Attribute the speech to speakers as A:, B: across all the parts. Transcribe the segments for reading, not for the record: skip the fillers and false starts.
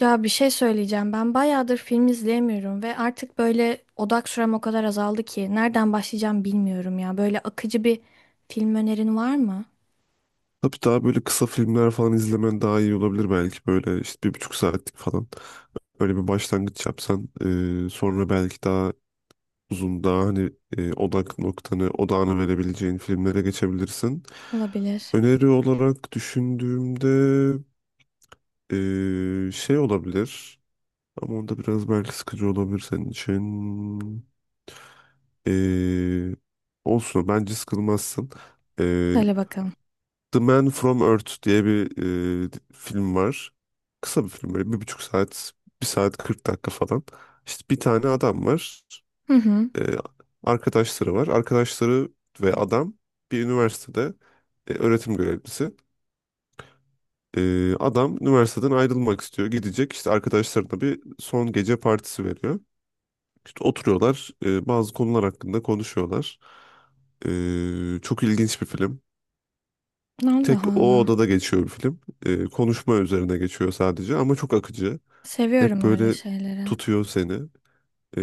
A: Ya bir şey söyleyeceğim. Ben bayağıdır film izleyemiyorum ve artık böyle odak sürem o kadar azaldı ki nereden başlayacağım bilmiyorum ya. Böyle akıcı bir film önerin var mı?
B: Tabii daha böyle kısa filmler falan izlemen daha iyi olabilir belki. Böyle işte bir buçuk saatlik falan. Öyle bir başlangıç yapsan sonra belki daha uzun daha hani odak noktanı odağını verebileceğin filmlere geçebilirsin.
A: Olabilir.
B: Öneri olarak düşündüğümde şey olabilir ama onda biraz belki sıkıcı olabilir senin için. E, Olsun bence sıkılmazsın. E,
A: Söyle bakalım.
B: The Man from Earth diye bir film var. Kısa bir film böyle bir buçuk saat, bir saat 40 dakika falan. İşte bir tane adam var.
A: Hı hı.
B: E, Arkadaşları var. Arkadaşları ve adam bir üniversitede öğretim görevlisi. Adam üniversiteden ayrılmak istiyor. Gidecek işte arkadaşlarına bir son gece partisi veriyor. İşte oturuyorlar, bazı konular hakkında konuşuyorlar. Çok ilginç bir film.
A: Allah
B: Tek o
A: Allah.
B: odada geçiyor bir film. Konuşma üzerine geçiyor sadece ama çok akıcı. Hep
A: Seviyorum öyle
B: böyle
A: şeyleri.
B: tutuyor seni.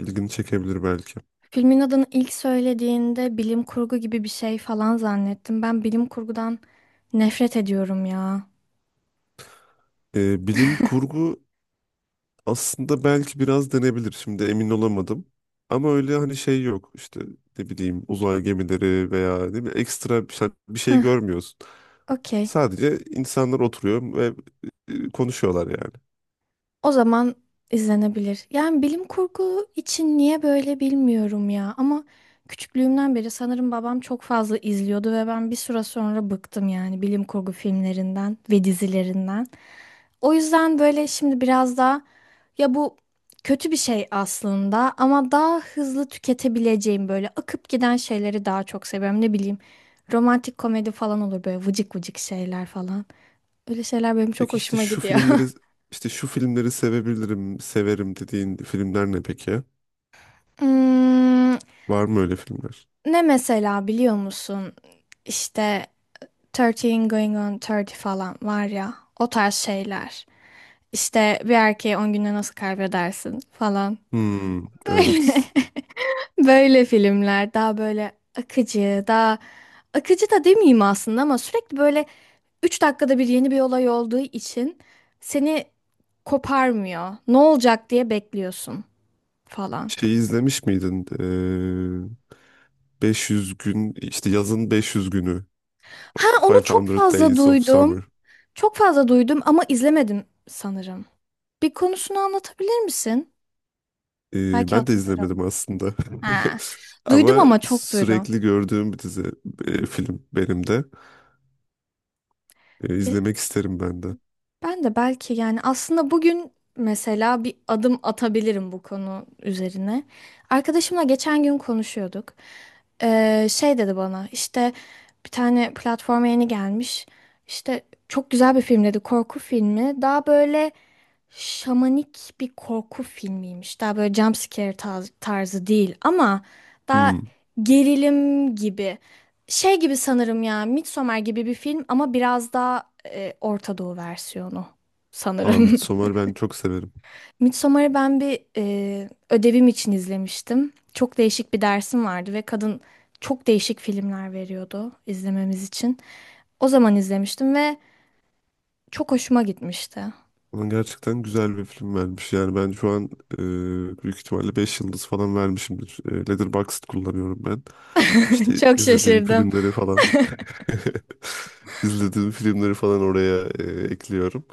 B: İlgini çekebilir belki.
A: Filmin adını ilk söylediğinde bilim kurgu gibi bir şey falan zannettim. Ben bilim kurgudan nefret ediyorum ya.
B: Bilim kurgu aslında belki biraz denebilir. Şimdi emin olamadım. Ama öyle hani şey yok işte, ne bileyim, uzay gemileri veya ne bileyim ekstra bir şey, bir şey
A: Heh,
B: görmüyorsun.
A: okey.
B: Sadece insanlar oturuyor ve konuşuyorlar yani.
A: O zaman izlenebilir. Yani bilim kurgu için niye böyle bilmiyorum ya. Ama küçüklüğümden beri sanırım babam çok fazla izliyordu ve ben bir süre sonra bıktım yani bilim kurgu filmlerinden ve dizilerinden. O yüzden böyle şimdi biraz daha ya bu kötü bir şey aslında ama daha hızlı tüketebileceğim böyle akıp giden şeyleri daha çok seviyorum. Ne bileyim romantik komedi falan olur böyle vıcık vıcık şeyler falan. Öyle şeyler benim çok
B: Peki işte
A: hoşuma
B: şu
A: gidiyor.
B: filmleri, işte şu filmleri sevebilirim, severim dediğin filmler ne peki?
A: Hmm,
B: Var mı öyle filmler?
A: Ne mesela biliyor musun? İşte Thirteen going on 30 falan var ya o tarz şeyler. İşte bir erkeği 10 günde nasıl kaybedersin falan.
B: Hmm,
A: Böyle
B: evet.
A: böyle filmler daha böyle akıcı, daha akıcı da demeyeyim aslında ama sürekli böyle 3 dakikada bir yeni bir olay olduğu için seni koparmıyor. Ne olacak diye bekliyorsun falan.
B: Şeyi izlemiş miydin? 500 gün, işte yazın 500 günü.
A: Ha onu çok
B: 500
A: fazla
B: Days of
A: duydum.
B: Summer.
A: Çok fazla duydum ama izlemedim sanırım. Bir konusunu anlatabilir misin? Belki
B: Ben de
A: hatırlarım.
B: izlemedim aslında.
A: Ha. Duydum
B: Ama
A: ama çok duydum.
B: sürekli gördüğüm bir dizi, film benim de. İzlemek isterim ben de.
A: Ben de belki yani aslında bugün mesela bir adım atabilirim bu konu üzerine. Arkadaşımla geçen gün konuşuyorduk. Şey dedi bana işte bir tane platforma yeni gelmiş. İşte çok güzel bir film dedi korku filmi. Daha böyle şamanik bir korku filmiymiş. Daha böyle jump scare tarzı değil ama daha
B: Hmm.
A: gerilim gibi. Şey gibi sanırım ya Midsommar gibi bir film ama biraz daha Orta Doğu versiyonu
B: Aa,
A: sanırım.
B: Midsommar ben çok severim.
A: Midsommar'ı ben bir ödevim için izlemiştim. Çok değişik bir dersim vardı ve kadın çok değişik filmler veriyordu izlememiz için. O zaman izlemiştim ve çok hoşuma gitmişti.
B: Ona gerçekten güzel bir film vermiş. Yani ben şu an büyük ihtimalle 5 yıldız falan vermişimdir. E, Letterboxd kullanıyorum ben. İşte
A: Çok
B: izlediğim
A: şaşırdım.
B: filmleri falan izlediğim filmleri falan oraya ekliyorum.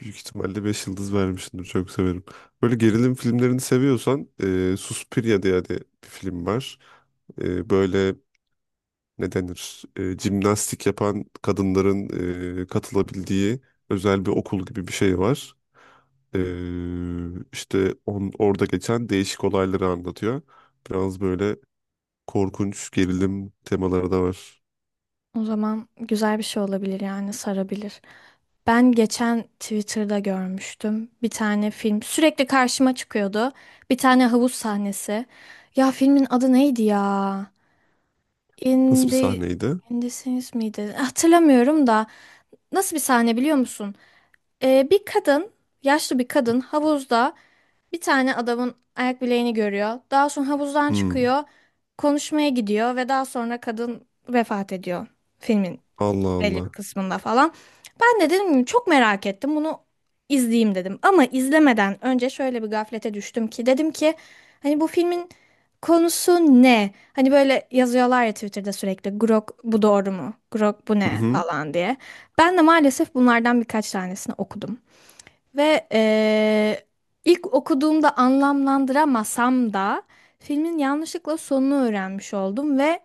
B: Büyük ihtimalle 5 yıldız vermişimdir. Çok severim. Böyle gerilim filmlerini seviyorsan Suspiria diye de bir film var. Böyle ne denir? Jimnastik yapan kadınların katılabildiği özel bir okul gibi bir şey var. Ee, orada geçen değişik olayları anlatıyor. Biraz böyle korkunç gerilim temaları da var.
A: O zaman güzel bir şey olabilir yani sarabilir. Ben geçen Twitter'da görmüştüm bir tane film. Sürekli karşıma çıkıyordu. Bir tane havuz sahnesi. Ya filmin adı neydi ya?
B: Nasıl bir
A: Indi,
B: sahneydi?
A: indisiniz miydi? Hatırlamıyorum da nasıl bir sahne biliyor musun? Bir kadın, yaşlı bir kadın havuzda bir tane adamın ayak bileğini görüyor. Daha sonra havuzdan
B: Hmm,
A: çıkıyor, konuşmaya gidiyor ve daha sonra kadın vefat ediyor filmin
B: Allah
A: belli bir
B: Allah.
A: kısmında falan. Ben de dedim ki, çok merak ettim bunu izleyeyim dedim. Ama izlemeden önce şöyle bir gaflete düştüm ki dedim ki hani bu filmin konusu ne? Hani böyle yazıyorlar ya Twitter'da sürekli Grok bu doğru mu? Grok bu
B: Hı
A: ne
B: hı.
A: falan diye. Ben de maalesef bunlardan birkaç tanesini okudum. Ve ilk okuduğumda anlamlandıramasam da filmin yanlışlıkla sonunu öğrenmiş oldum ve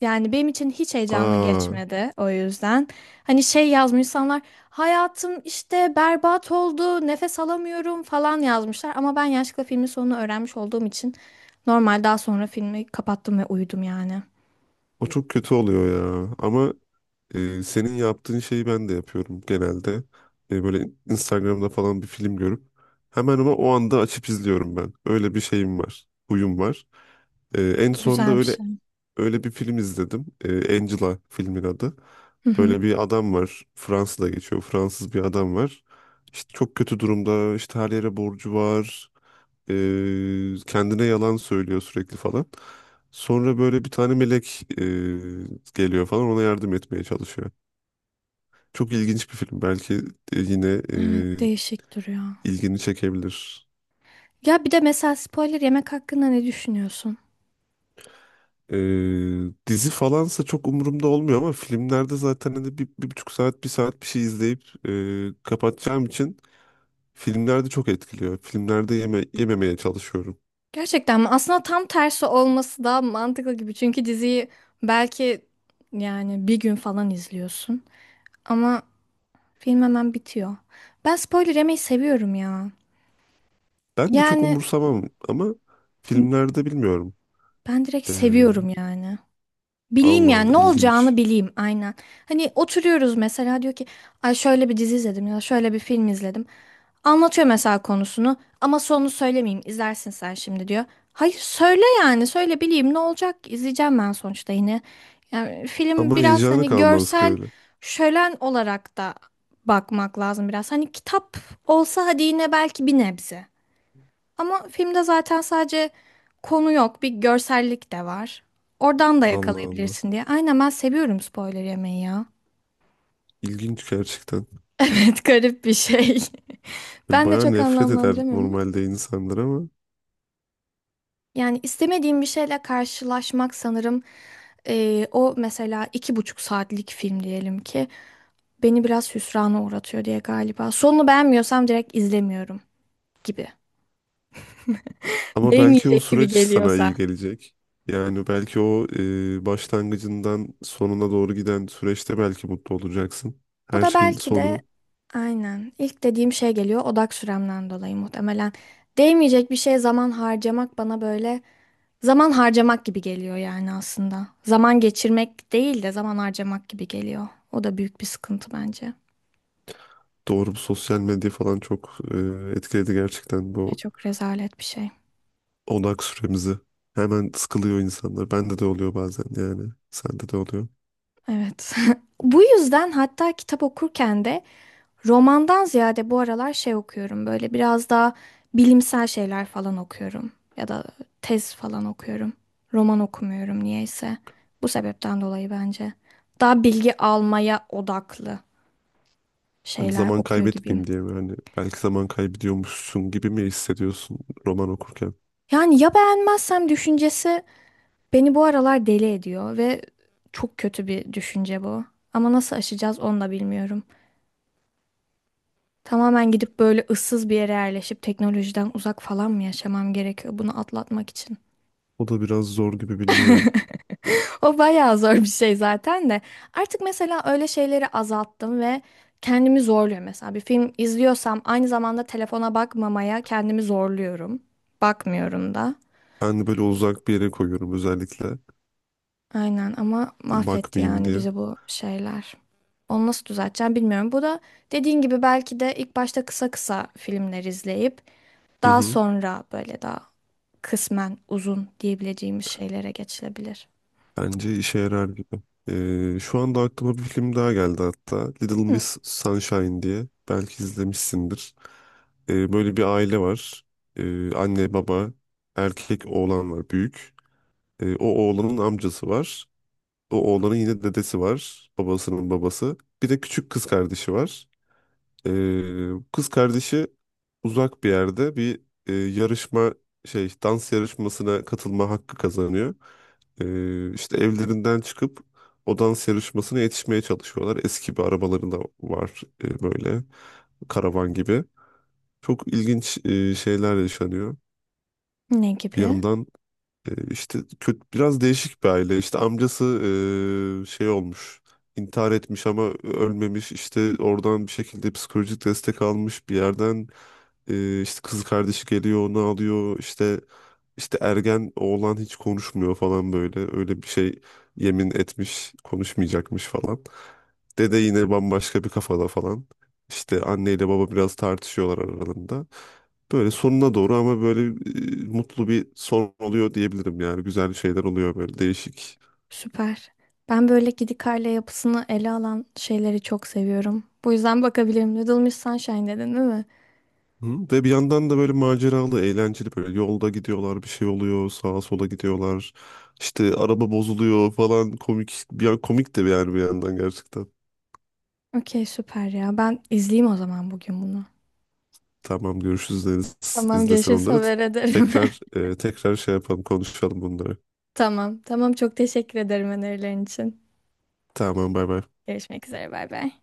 A: yani benim için hiç heyecanlı
B: Aa,
A: geçmedi o yüzden. Hani şey yazmış insanlar hayatım işte berbat oldu nefes alamıyorum falan yazmışlar. Ama ben yanlışlıkla filmin sonunu öğrenmiş olduğum için normal daha sonra filmi kapattım ve uyudum yani.
B: o çok kötü oluyor ya. Ama senin yaptığın şeyi ben de yapıyorum genelde. E, böyle Instagram'da falan bir film görüp hemen, ama o anda açıp izliyorum ben. Öyle bir şeyim var. Huyum var. En sonunda
A: Güzel bir
B: öyle
A: şey.
B: bir film izledim. E, Angela filmin adı.
A: Hı hı.
B: Böyle bir adam var. Fransa'da geçiyor. Fransız bir adam var. İşte çok kötü durumda. İşte her yere borcu var. Kendine yalan söylüyor sürekli falan. Sonra böyle bir tane melek geliyor falan, ona yardım etmeye çalışıyor. Çok ilginç bir film. Belki yine
A: Evet değişik duruyor.
B: ilgini çekebilir.
A: Ya bir de mesela spoiler yemek hakkında ne düşünüyorsun?
B: E, Dizi falansa çok umurumda olmuyor ama filmlerde zaten hani bir, bir buçuk saat, bir saat bir şey izleyip kapatacağım için. Filmlerde çok etkiliyor. Filmlerde yeme, yememeye çalışıyorum.
A: Gerçekten mi? Aslında tam tersi olması daha mantıklı gibi. Çünkü diziyi belki yani bir gün falan izliyorsun. Ama film hemen bitiyor. Ben spoiler yemeyi seviyorum ya.
B: Ben de çok
A: Yani
B: umursamam ama filmlerde bilmiyorum.
A: ben direkt
B: Ee,
A: seviyorum yani. Bileyim
B: Allah
A: yani
B: Allah
A: ne olacağını
B: ilginç.
A: bileyim aynen. Hani oturuyoruz mesela diyor ki ay şöyle bir dizi izledim ya şöyle bir film izledim. Anlatıyor mesela konusunu ama sonunu söylemeyeyim izlersin sen şimdi diyor. Hayır söyle yani söyle bileyim ne olacak ki? İzleyeceğim ben sonuçta yine. Yani film
B: Ama
A: biraz
B: heyecanı
A: hani
B: kalmaz ki
A: görsel
B: öyle.
A: şölen olarak da bakmak lazım biraz. Hani kitap olsa hadi yine belki bir nebze. Ama filmde zaten sadece konu yok, bir görsellik de var. Oradan da
B: Allah Allah.
A: yakalayabilirsin diye. Aynen ben seviyorum spoiler yemeyi ya.
B: İlginç gerçekten.
A: Evet garip bir şey.
B: Böyle
A: Ben de
B: bayağı
A: çok
B: nefret eder
A: anlamlandıramıyorum ama.
B: normalde insanlar ama.
A: Yani istemediğim bir şeyle karşılaşmak sanırım o mesela 2,5 saatlik film diyelim ki beni biraz hüsrana uğratıyor diye galiba. Sonunu beğenmiyorsam direkt izlemiyorum gibi.
B: Ama belki o
A: Değmeyecek gibi
B: süreç sana
A: geliyorsa.
B: iyi gelecek. Yani belki o başlangıcından sonuna doğru giden süreçte belki mutlu olacaksın.
A: Bu
B: Her
A: da
B: şeyin
A: belki de
B: sonu.
A: aynen ilk dediğim şey geliyor odak süremden dolayı muhtemelen. Değmeyecek bir şeye zaman harcamak bana böyle zaman harcamak gibi geliyor yani aslında. Zaman geçirmek değil de zaman harcamak gibi geliyor. O da büyük bir sıkıntı bence.
B: Doğru, bu sosyal medya falan çok etkiledi gerçekten bu
A: Çok rezalet bir şey.
B: odak süremizi. Hemen sıkılıyor insanlar. Bende de oluyor bazen yani. Sende de oluyor.
A: Evet. Bu yüzden hatta kitap okurken de romandan ziyade bu aralar şey okuyorum böyle biraz daha bilimsel şeyler falan okuyorum ya da tez falan okuyorum. Roman okumuyorum niyeyse. Bu sebepten dolayı bence. Daha bilgi almaya odaklı
B: Hani
A: şeyler
B: zaman
A: okuyor gibiyim.
B: kaybetmeyeyim diye mi? Hani belki zaman kaybediyormuşsun gibi mi hissediyorsun roman okurken?
A: Yani ya beğenmezsem düşüncesi beni bu aralar deli ediyor ve çok kötü bir düşünce bu. Ama nasıl aşacağız onu da bilmiyorum. Tamamen gidip böyle ıssız bir yere yerleşip teknolojiden uzak falan mı yaşamam gerekiyor bunu atlatmak için?
B: O da biraz zor gibi, bilmiyorum.
A: O bayağı zor bir şey zaten de. Artık mesela öyle şeyleri azalttım ve kendimi zorluyorum. Mesela bir film izliyorsam aynı zamanda telefona bakmamaya kendimi zorluyorum. Bakmıyorum da.
B: Ben de böyle uzak bir yere koyuyorum özellikle.
A: Aynen ama mahvetti
B: Bakmayayım
A: yani
B: diye.
A: bizi bu şeyler. Onu nasıl düzelteceğim bilmiyorum. Bu da dediğin gibi belki de ilk başta kısa kısa filmler izleyip
B: Hı
A: daha
B: hı.
A: sonra böyle daha kısmen uzun diyebileceğimiz şeylere geçilebilir.
B: Bence işe yarar gibi. E, şu anda aklıma bir film daha geldi hatta. Little
A: Hı,
B: Miss Sunshine diye. Belki izlemişsindir. Böyle bir aile var. Anne, baba, erkek oğlan var büyük. O oğlanın amcası var. O oğlanın yine dedesi var. Babasının babası. Bir de küçük kız kardeşi var. E, Kız kardeşi uzak bir yerde bir e, yarışma şey, dans yarışmasına katılma hakkı kazanıyor. İşte evlerinden çıkıp o dans yarışmasına yetişmeye çalışıyorlar. Eski bir arabaları da var, böyle karavan gibi. Çok ilginç şeyler yaşanıyor.
A: ne
B: Bir
A: gibi?
B: yandan işte kötü, biraz değişik bir aile. İşte amcası şey olmuş, intihar etmiş ama ölmemiş. İşte oradan bir şekilde psikolojik destek almış bir yerden. İşte kız kardeşi geliyor onu alıyor, işte ergen oğlan hiç konuşmuyor falan, böyle öyle bir şey, yemin etmiş konuşmayacakmış falan. Dede yine bambaşka bir kafada falan. İşte anneyle baba biraz tartışıyorlar aralarında. Böyle sonuna doğru ama böyle mutlu bir son oluyor diyebilirim yani. Güzel şeyler oluyor böyle değişik.
A: Süper. Ben böyle gidik aile yapısını ele alan şeyleri çok seviyorum. Bu yüzden bakabilirim. Little Miss Sunshine dedin değil mi?
B: Hı. Ve bir yandan da böyle maceralı, eğlenceli, böyle yolda gidiyorlar, bir şey oluyor, sağa sola gidiyorlar. İşte araba bozuluyor falan, komik. Bir yan komik de bir, yani bir yandan gerçekten.
A: Okey süper ya. Ben izleyeyim o zaman bugün bunu.
B: Tamam, görüşürüz Deniz.
A: Tamam
B: İzlesen
A: görüşürüz
B: onları.
A: haber ederim.
B: Tekrar tekrar şey yapalım, konuşalım bunları.
A: Tamam. Tamam çok teşekkür ederim önerilerin için.
B: Tamam, bay bay.
A: Görüşmek üzere bay bay.